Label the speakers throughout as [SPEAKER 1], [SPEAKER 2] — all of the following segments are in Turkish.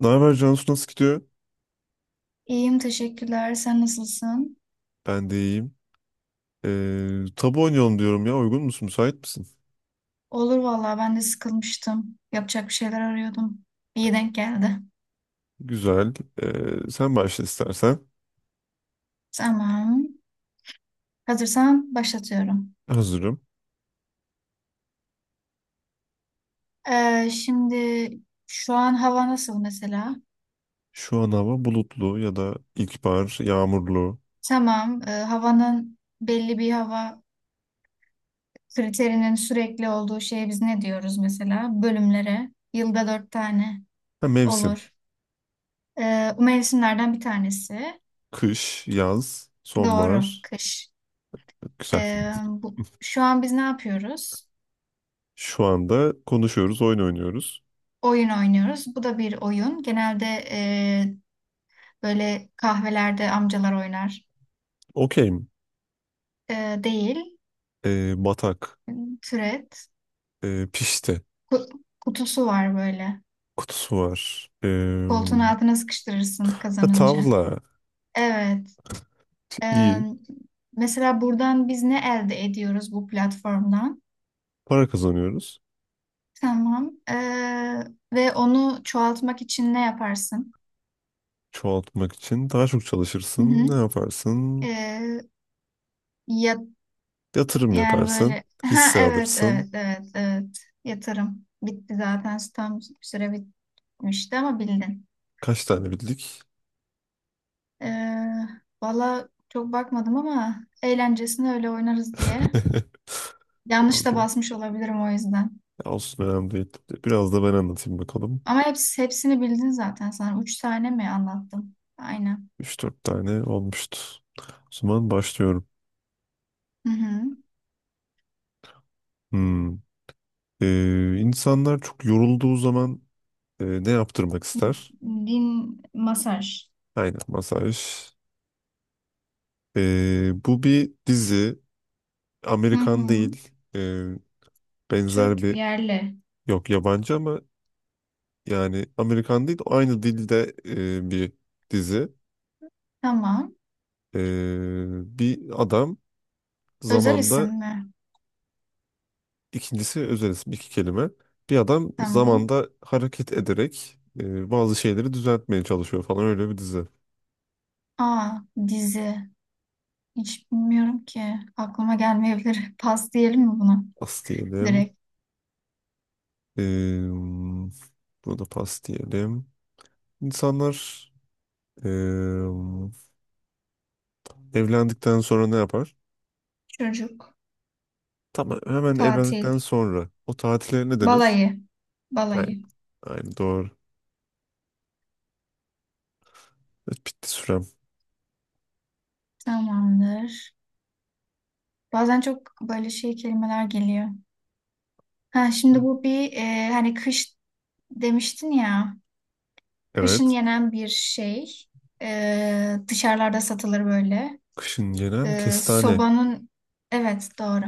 [SPEAKER 1] Ne haber Cansu, nasıl gidiyor?
[SPEAKER 2] İyiyim, teşekkürler. Sen nasılsın?
[SPEAKER 1] Ben de iyiyim. Tabu oynayalım diyorum ya. Uygun musun? Müsait misin?
[SPEAKER 2] Olur vallahi, ben de sıkılmıştım. Yapacak bir şeyler arıyordum. İyi denk geldi.
[SPEAKER 1] Güzel. Sen başla istersen.
[SPEAKER 2] Tamam. Hazırsan başlatıyorum.
[SPEAKER 1] Hazırım.
[SPEAKER 2] Şimdi şu an hava nasıl mesela?
[SPEAKER 1] Şu an hava bulutlu ya da ilkbahar, yağmurlu.
[SPEAKER 2] Tamam. Havanın belli bir hava kriterinin sürekli olduğu şeye biz ne diyoruz mesela? Bölümlere. Yılda dört tane
[SPEAKER 1] Ha, mevsim.
[SPEAKER 2] olur. Bu mevsimlerden bir tanesi.
[SPEAKER 1] Kış, yaz,
[SPEAKER 2] Doğru.
[SPEAKER 1] sonbahar.
[SPEAKER 2] Kış.
[SPEAKER 1] Güzel.
[SPEAKER 2] Şu an biz ne yapıyoruz?
[SPEAKER 1] Şu anda konuşuyoruz, oyun oynuyoruz.
[SPEAKER 2] Oyun oynuyoruz. Bu da bir oyun. Genelde e, böyle kahvelerde amcalar oynar.
[SPEAKER 1] Okeyim.
[SPEAKER 2] E, Değil.
[SPEAKER 1] Batak.
[SPEAKER 2] Türet.
[SPEAKER 1] Pişti.
[SPEAKER 2] Kutusu var böyle.
[SPEAKER 1] Kutusu var.
[SPEAKER 2] Koltuğun altına sıkıştırırsın
[SPEAKER 1] Ha,
[SPEAKER 2] kazanınca.
[SPEAKER 1] tavla.
[SPEAKER 2] Evet. E,
[SPEAKER 1] İyi.
[SPEAKER 2] Mesela buradan biz ne elde ediyoruz, bu platformdan?
[SPEAKER 1] Para kazanıyoruz.
[SPEAKER 2] Tamam. Ve onu çoğaltmak için ne yaparsın?
[SPEAKER 1] Çoğaltmak için daha çok
[SPEAKER 2] Hı hı.
[SPEAKER 1] çalışırsın. Ne
[SPEAKER 2] E,
[SPEAKER 1] yaparsın?
[SPEAKER 2] ya
[SPEAKER 1] Yatırım
[SPEAKER 2] Yani
[SPEAKER 1] yaparsın.
[SPEAKER 2] böyle, ha,
[SPEAKER 1] Hisse
[SPEAKER 2] evet,
[SPEAKER 1] alırsın.
[SPEAKER 2] evet, evet, evet, yatırım bitti zaten, tam süre bitmişti ama bildin.
[SPEAKER 1] Kaç tane bildik?
[SPEAKER 2] Ee, Valla çok bakmadım ama eğlencesine öyle oynarız diye. Yanlış da
[SPEAKER 1] Okey.
[SPEAKER 2] basmış olabilirim, o yüzden.
[SPEAKER 1] Olsun, önemli değil. Biraz da ben anlatayım bakalım.
[SPEAKER 2] Ama hepsi, hepsini bildin zaten sana. Üç tane mi anlattım? Aynen.
[SPEAKER 1] Üç dört tane olmuştu. O zaman başlıyorum.
[SPEAKER 2] Hı hı.
[SPEAKER 1] Hmm. İnsanlar çok yorulduğu zaman ne yaptırmak ister?
[SPEAKER 2] Din masaj.
[SPEAKER 1] Aynen, masaj. Bu bir dizi.
[SPEAKER 2] Hı
[SPEAKER 1] Amerikan
[SPEAKER 2] hı.
[SPEAKER 1] değil. Benzer
[SPEAKER 2] Türk
[SPEAKER 1] bir
[SPEAKER 2] yerli.
[SPEAKER 1] yok, yabancı ama yani Amerikan değil, aynı dilde bir dizi.
[SPEAKER 2] Tamam.
[SPEAKER 1] E, Bir adam
[SPEAKER 2] Özel
[SPEAKER 1] zamanda,
[SPEAKER 2] isim mi?
[SPEAKER 1] ikincisi özel isim, iki kelime. Bir adam
[SPEAKER 2] Tamam.
[SPEAKER 1] zamanda hareket ederek bazı şeyleri düzeltmeye çalışıyor falan, öyle bir dizi.
[SPEAKER 2] Aa, dizi. Hiç bilmiyorum ki. Aklıma gelmeyebilir. Pas diyelim mi buna?
[SPEAKER 1] Pas diyelim.
[SPEAKER 2] Direkt
[SPEAKER 1] E, Burada pas diyelim. İnsanlar e, evlendikten sonra ne yapar?
[SPEAKER 2] çocuk,
[SPEAKER 1] Tamam, hemen
[SPEAKER 2] tatil,
[SPEAKER 1] evlendikten sonra o tatile ne denir?
[SPEAKER 2] balayı,
[SPEAKER 1] Aynen,
[SPEAKER 2] balayı.
[SPEAKER 1] aynen doğru. Evet, bitti sürem.
[SPEAKER 2] Tamamdır. Bazen çok böyle şey kelimeler geliyor. Ha, şimdi bu bir hani kış demiştin ya. Kışın
[SPEAKER 1] Evet.
[SPEAKER 2] yenen bir şey. Dışarılarda satılır böyle.
[SPEAKER 1] Kışın gelen kestane.
[SPEAKER 2] Sobanın evet doğru.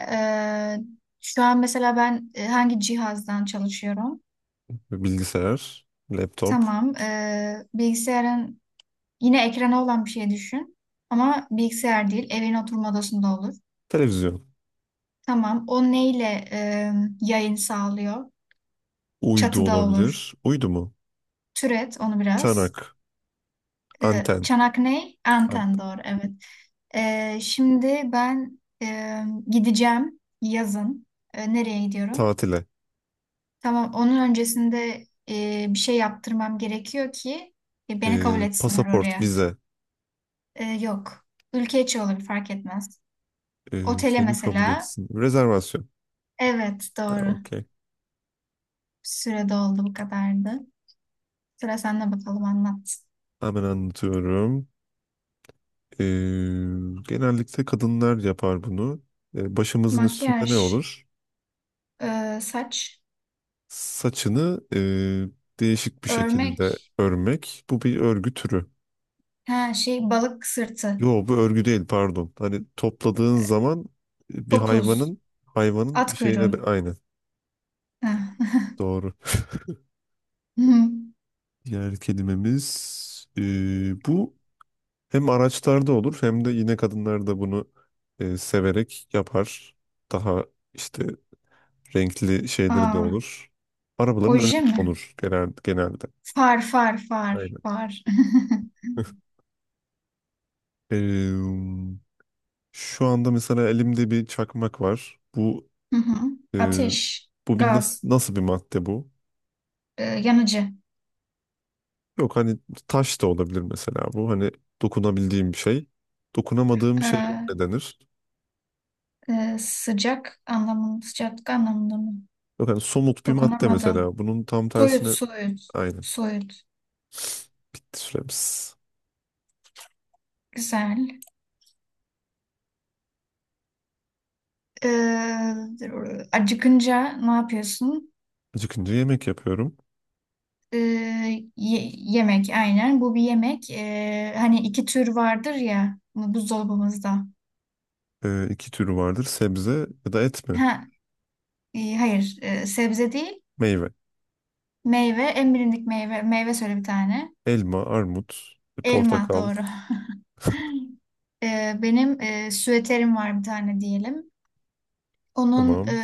[SPEAKER 2] E, Şu an mesela ben hangi cihazdan çalışıyorum?
[SPEAKER 1] Bilgisayar, laptop,
[SPEAKER 2] Tamam. Bilgisayarın. Yine ekrana olan bir şey düşün. Ama bilgisayar değil, evin oturma odasında olur.
[SPEAKER 1] televizyon.
[SPEAKER 2] Tamam. O neyle yayın sağlıyor?
[SPEAKER 1] Uydu
[SPEAKER 2] Çatıda olur.
[SPEAKER 1] olabilir. Uydu mu?
[SPEAKER 2] Türet onu biraz.
[SPEAKER 1] Çanak, anten,
[SPEAKER 2] Çanak ney?
[SPEAKER 1] an-
[SPEAKER 2] Anten doğru, evet. Şimdi ben gideceğim yazın. Nereye gidiyorum?
[SPEAKER 1] tatile,
[SPEAKER 2] Tamam. Onun öncesinde bir şey yaptırmam gerekiyor ki beni kabul etsinler
[SPEAKER 1] pasaport,
[SPEAKER 2] oraya.
[SPEAKER 1] vize,
[SPEAKER 2] Yok. Ülke içi olur, fark etmez. Otele
[SPEAKER 1] seni kabul
[SPEAKER 2] mesela.
[SPEAKER 1] etsin. Rezervasyon.
[SPEAKER 2] Evet,
[SPEAKER 1] Ha,
[SPEAKER 2] doğru.
[SPEAKER 1] okey.
[SPEAKER 2] Süre doldu, bu kadardı. Sıra sende bakalım, anlat.
[SPEAKER 1] Hemen anlatıyorum. E, Genellikle kadınlar yapar bunu. Başımızın üstünde
[SPEAKER 2] Makyaj,
[SPEAKER 1] ne olur?
[SPEAKER 2] saç,
[SPEAKER 1] Saçını değişik bir şekilde
[SPEAKER 2] örmek,
[SPEAKER 1] örmek. Bu bir örgü türü.
[SPEAKER 2] ha şey, balık sırtı,
[SPEAKER 1] Yo, bu örgü değil, pardon. Hani topladığın zaman bir
[SPEAKER 2] topuz,
[SPEAKER 1] hayvanın bir
[SPEAKER 2] at
[SPEAKER 1] şeyine
[SPEAKER 2] kuyruğu.
[SPEAKER 1] aynı.
[SPEAKER 2] Ha.
[SPEAKER 1] Doğru.
[SPEAKER 2] Hı.
[SPEAKER 1] Diğer kelimemiz bu hem araçlarda olur hem de yine kadınlar da bunu severek yapar. Daha işte renkli şeyleri de
[SPEAKER 2] Aa,
[SPEAKER 1] olur. Arabaların önünde
[SPEAKER 2] oje mi?
[SPEAKER 1] olur genel, genelde.
[SPEAKER 2] Far, far, far,
[SPEAKER 1] Aynen.
[SPEAKER 2] far.
[SPEAKER 1] Eee, Şu anda mesela elimde bir çakmak var. Bu
[SPEAKER 2] Hı hı.
[SPEAKER 1] eee,
[SPEAKER 2] Ateş,
[SPEAKER 1] bu bir nasıl,
[SPEAKER 2] gaz,
[SPEAKER 1] nasıl bir madde bu?
[SPEAKER 2] yanıcı,
[SPEAKER 1] Yok hani taş da olabilir mesela bu. Hani dokunabildiğim bir şey. Dokunamadığım bir şeye ne
[SPEAKER 2] E,
[SPEAKER 1] denir?
[SPEAKER 2] sıcak anlamında, sıcaklık anlamında mı?
[SPEAKER 1] Yok hani somut bir madde
[SPEAKER 2] Dokunamadım.
[SPEAKER 1] mesela. Bunun tam
[SPEAKER 2] Soyut,
[SPEAKER 1] tersine,
[SPEAKER 2] soyut,
[SPEAKER 1] aynen.
[SPEAKER 2] soyut.
[SPEAKER 1] Bitti süremiz.
[SPEAKER 2] Güzel. Ee, Acıkınca ne yapıyorsun?
[SPEAKER 1] Acıkınca yemek yapıyorum.
[SPEAKER 2] Ee, Yemek aynen. Bu bir yemek. Hani iki tür vardır ya buzdolabımızda.
[SPEAKER 1] İki türü vardır. Sebze ya da et mi?
[SPEAKER 2] Ha, hayır, sebze değil.
[SPEAKER 1] Meyve.
[SPEAKER 2] Meyve, en bilindik meyve. Meyve söyle bir tane.
[SPEAKER 1] Elma, armut,
[SPEAKER 2] Elma
[SPEAKER 1] portakal.
[SPEAKER 2] doğru. Benim süeterim var bir tane diyelim. Onun
[SPEAKER 1] Tamam.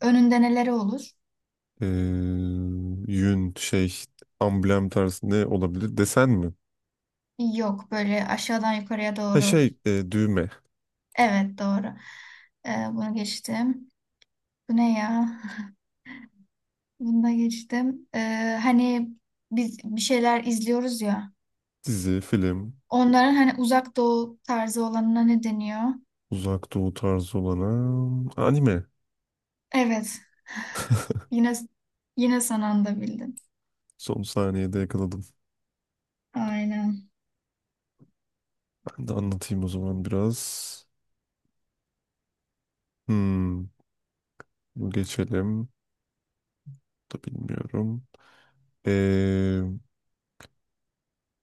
[SPEAKER 2] önünde neleri olur?
[SPEAKER 1] Ee, Yün şey, amblem tarzı ne olabilir? Desen mi?
[SPEAKER 2] Yok, böyle aşağıdan yukarıya
[SPEAKER 1] Ha
[SPEAKER 2] doğru.
[SPEAKER 1] şey düğme.
[SPEAKER 2] Evet doğru. Bunu geçtim. Bu ne ya? Bunu da geçtim. Hani biz bir şeyler izliyoruz ya.
[SPEAKER 1] Dizi, film,
[SPEAKER 2] Onların hani uzak doğu tarzı olanına ne deniyor?
[SPEAKER 1] uzak doğu tarzı olana anime.
[SPEAKER 2] Evet. Yine, yine son anda bildin.
[SPEAKER 1] Son saniyede yakaladım.
[SPEAKER 2] Aynen.
[SPEAKER 1] Ben de anlatayım o zaman biraz. Hmm, bu geçelim. Bu da bilmiyorum. Ee,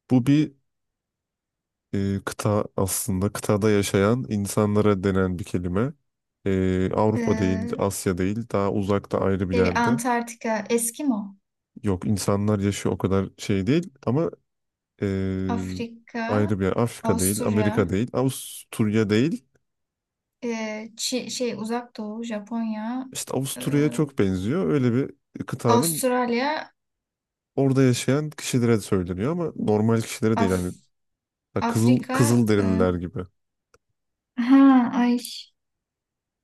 [SPEAKER 1] Bu bir kıta aslında. Kıtada yaşayan insanlara denen bir kelime. Avrupa değil,
[SPEAKER 2] Ee,
[SPEAKER 1] Asya değil. Daha uzakta ayrı bir
[SPEAKER 2] Şey,
[SPEAKER 1] yerde.
[SPEAKER 2] Antarktika, Eskimo,
[SPEAKER 1] Yok, insanlar yaşıyor, o kadar şey değil. Ama e,
[SPEAKER 2] Afrika,
[SPEAKER 1] ayrı bir yer. Afrika değil,
[SPEAKER 2] Avusturya,
[SPEAKER 1] Amerika değil, Avusturya değil.
[SPEAKER 2] şey, uzak doğu, Japonya,
[SPEAKER 1] İşte
[SPEAKER 2] ee,
[SPEAKER 1] Avusturya'ya çok benziyor. Öyle bir kıtanın
[SPEAKER 2] Avustralya,
[SPEAKER 1] orada yaşayan kişilere de söyleniyor ama normal kişilere değil,
[SPEAKER 2] Af
[SPEAKER 1] hani ha, kızıl
[SPEAKER 2] Afrika,
[SPEAKER 1] kızıl derililer gibi.
[SPEAKER 2] ha ay.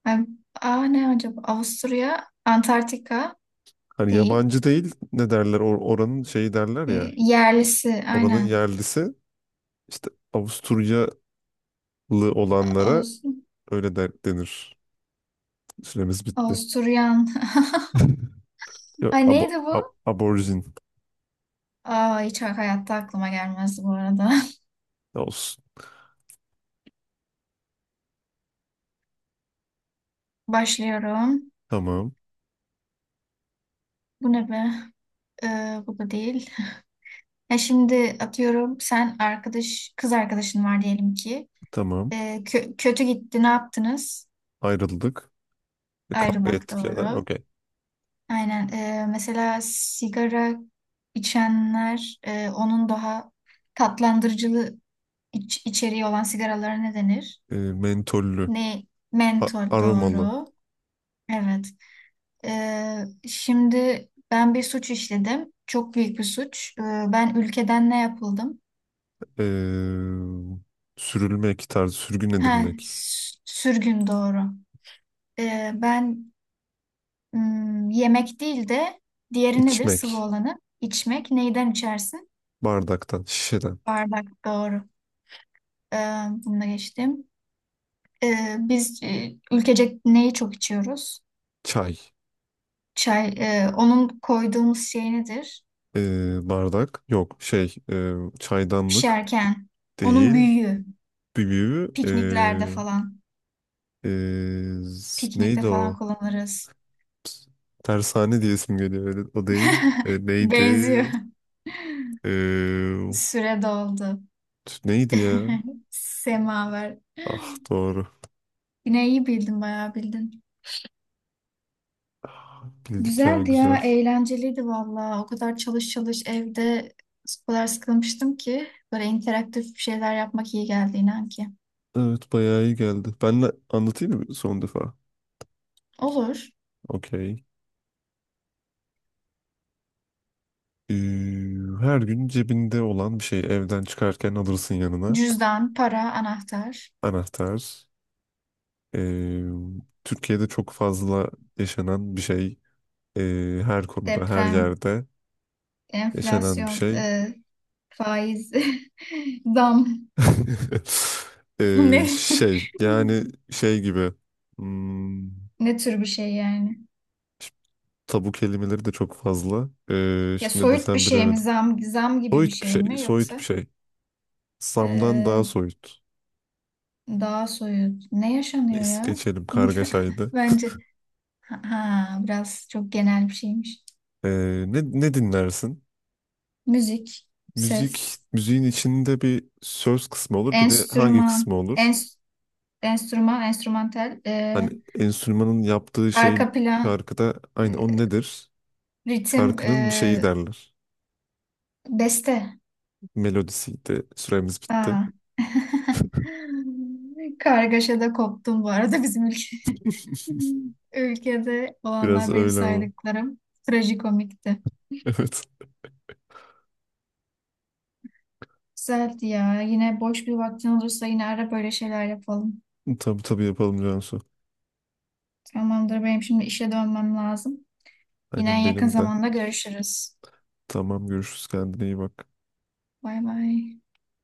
[SPEAKER 2] Ay, aa, ne acaba? Avusturya, Antarktika,
[SPEAKER 1] Hani
[SPEAKER 2] değil.
[SPEAKER 1] yabancı değil, ne derler oranın şeyi derler ya.
[SPEAKER 2] Yerlisi
[SPEAKER 1] Oranın
[SPEAKER 2] aynen.
[SPEAKER 1] yerlisi, işte Avusturyalı olanlara
[SPEAKER 2] Aus
[SPEAKER 1] öyle denir. Süremiz bitti.
[SPEAKER 2] Avusturyan.
[SPEAKER 1] Yok,
[SPEAKER 2] Ay neydi bu?
[SPEAKER 1] aborjin.
[SPEAKER 2] Aa, hiç hayatta aklıma gelmezdi bu arada.
[SPEAKER 1] Olsun.
[SPEAKER 2] Başlıyorum.
[SPEAKER 1] Tamam.
[SPEAKER 2] Bu ne be? Bu da değil. Ya şimdi atıyorum, sen arkadaş kız arkadaşın var diyelim ki.
[SPEAKER 1] Tamam.
[SPEAKER 2] Kötü gitti, ne yaptınız?
[SPEAKER 1] Ayrıldık. Kavga
[SPEAKER 2] Ayrılmak
[SPEAKER 1] ettik ya da.
[SPEAKER 2] doğru.
[SPEAKER 1] Okey.
[SPEAKER 2] Aynen. Mesela sigara içenler, onun daha tatlandırıcılı içeriği olan sigaralara ne denir?
[SPEAKER 1] Mentollü.
[SPEAKER 2] Ne? Mentor
[SPEAKER 1] Aromalı.
[SPEAKER 2] doğru. Evet. Şimdi ben bir suç işledim. Çok büyük bir suç. Ben ülkeden ne yapıldım?
[SPEAKER 1] E, Sürülmek tarzı. Sürgün
[SPEAKER 2] Ha,
[SPEAKER 1] edilmek.
[SPEAKER 2] sürgün doğru. Ben, hmm, yemek değil de diğeri nedir? Sıvı
[SPEAKER 1] İçmek.
[SPEAKER 2] olanı. İçmek. Neyden içersin?
[SPEAKER 1] Bardaktan, şişeden.
[SPEAKER 2] Bardak doğru. Ee, Bunu da geçtim. Biz ülkecek neyi çok içiyoruz?
[SPEAKER 1] Çay.
[SPEAKER 2] Çay. Onun koyduğumuz şey nedir?
[SPEAKER 1] Bardak. Yok şey çaydanlık
[SPEAKER 2] Pişerken. Onun
[SPEAKER 1] değil.
[SPEAKER 2] büyüğü.
[SPEAKER 1] Büyüğü
[SPEAKER 2] Pikniklerde falan.
[SPEAKER 1] e,
[SPEAKER 2] Piknikte
[SPEAKER 1] neydi
[SPEAKER 2] falan
[SPEAKER 1] o?
[SPEAKER 2] kullanırız.
[SPEAKER 1] Tersane diye isim geliyor. O değil. Neydi?
[SPEAKER 2] Benziyor.
[SPEAKER 1] E,
[SPEAKER 2] Süre doldu.
[SPEAKER 1] Neydi ya?
[SPEAKER 2] Semaver.
[SPEAKER 1] Ah, doğru.
[SPEAKER 2] Yine iyi bildin, bayağı bildin.
[SPEAKER 1] Ah, bildik ya,
[SPEAKER 2] Güzeldi ya,
[SPEAKER 1] güzel.
[SPEAKER 2] eğlenceliydi valla. O kadar çalış çalış evde, o kadar sıkılmıştım ki. Böyle interaktif bir şeyler yapmak iyi geldi, inan ki.
[SPEAKER 1] Evet, bayağı iyi geldi. Ben de anlatayım mı son defa?
[SPEAKER 2] Olur.
[SPEAKER 1] Okey. Ee, Her gün cebinde olan bir şey, evden çıkarken alırsın yanına.
[SPEAKER 2] Cüzdan, para, anahtar,
[SPEAKER 1] Anahtar. Ee, Türkiye'de çok fazla yaşanan bir şey. Her konuda, her
[SPEAKER 2] deprem,
[SPEAKER 1] yerde yaşanan bir
[SPEAKER 2] enflasyon,
[SPEAKER 1] şey.
[SPEAKER 2] faiz, zam. Ne?
[SPEAKER 1] Şey, yani şey gibi. Hmm,
[SPEAKER 2] Ne tür bir şey yani?
[SPEAKER 1] işte tabu kelimeleri de çok fazla.
[SPEAKER 2] Ya
[SPEAKER 1] Şimdi ne
[SPEAKER 2] soyut bir
[SPEAKER 1] desem
[SPEAKER 2] şey mi,
[SPEAKER 1] bilemedim.
[SPEAKER 2] zam, zam gibi bir
[SPEAKER 1] Soyut bir
[SPEAKER 2] şey
[SPEAKER 1] şey,
[SPEAKER 2] mi,
[SPEAKER 1] soyut bir
[SPEAKER 2] yoksa
[SPEAKER 1] şey. Sam'dan daha
[SPEAKER 2] e,
[SPEAKER 1] soyut.
[SPEAKER 2] daha soyut? Ne yaşanıyor
[SPEAKER 1] Neyse
[SPEAKER 2] ya?
[SPEAKER 1] geçelim, kargaşaydı.
[SPEAKER 2] Bence, ha, biraz çok genel bir şeymiş.
[SPEAKER 1] Ee, ne dinlersin?
[SPEAKER 2] Müzik,
[SPEAKER 1] Müzik,
[SPEAKER 2] ses,
[SPEAKER 1] müziğin içinde bir söz kısmı olur, bir de hangi kısmı
[SPEAKER 2] enstrüman,
[SPEAKER 1] olur?
[SPEAKER 2] enstrüman, enstrümantal,
[SPEAKER 1] Hani enstrümanın yaptığı şey,
[SPEAKER 2] arka plan,
[SPEAKER 1] şarkıda aynı, o
[SPEAKER 2] e,
[SPEAKER 1] nedir?
[SPEAKER 2] ritim,
[SPEAKER 1] Şarkının bir şeyi derler.
[SPEAKER 2] beste.
[SPEAKER 1] Melodisiydi. Süremiz bitti.
[SPEAKER 2] Aa. Kargaşada koptum bu arada bizim ülke. Ülkede
[SPEAKER 1] Biraz
[SPEAKER 2] olanlar, benim
[SPEAKER 1] öyle ama.
[SPEAKER 2] saydıklarım trajikomikti.
[SPEAKER 1] Evet.
[SPEAKER 2] Güzeldi ya. Yine boş bir vaktin olursa yine ara, böyle şeyler yapalım.
[SPEAKER 1] Tabii tabii, yapalım Cansu.
[SPEAKER 2] Tamamdır, benim şimdi işe dönmem lazım. Yine en
[SPEAKER 1] Aynen,
[SPEAKER 2] yakın
[SPEAKER 1] benim de.
[SPEAKER 2] zamanda görüşürüz.
[SPEAKER 1] Tamam, görüşürüz, kendine iyi bak.
[SPEAKER 2] Bay bay.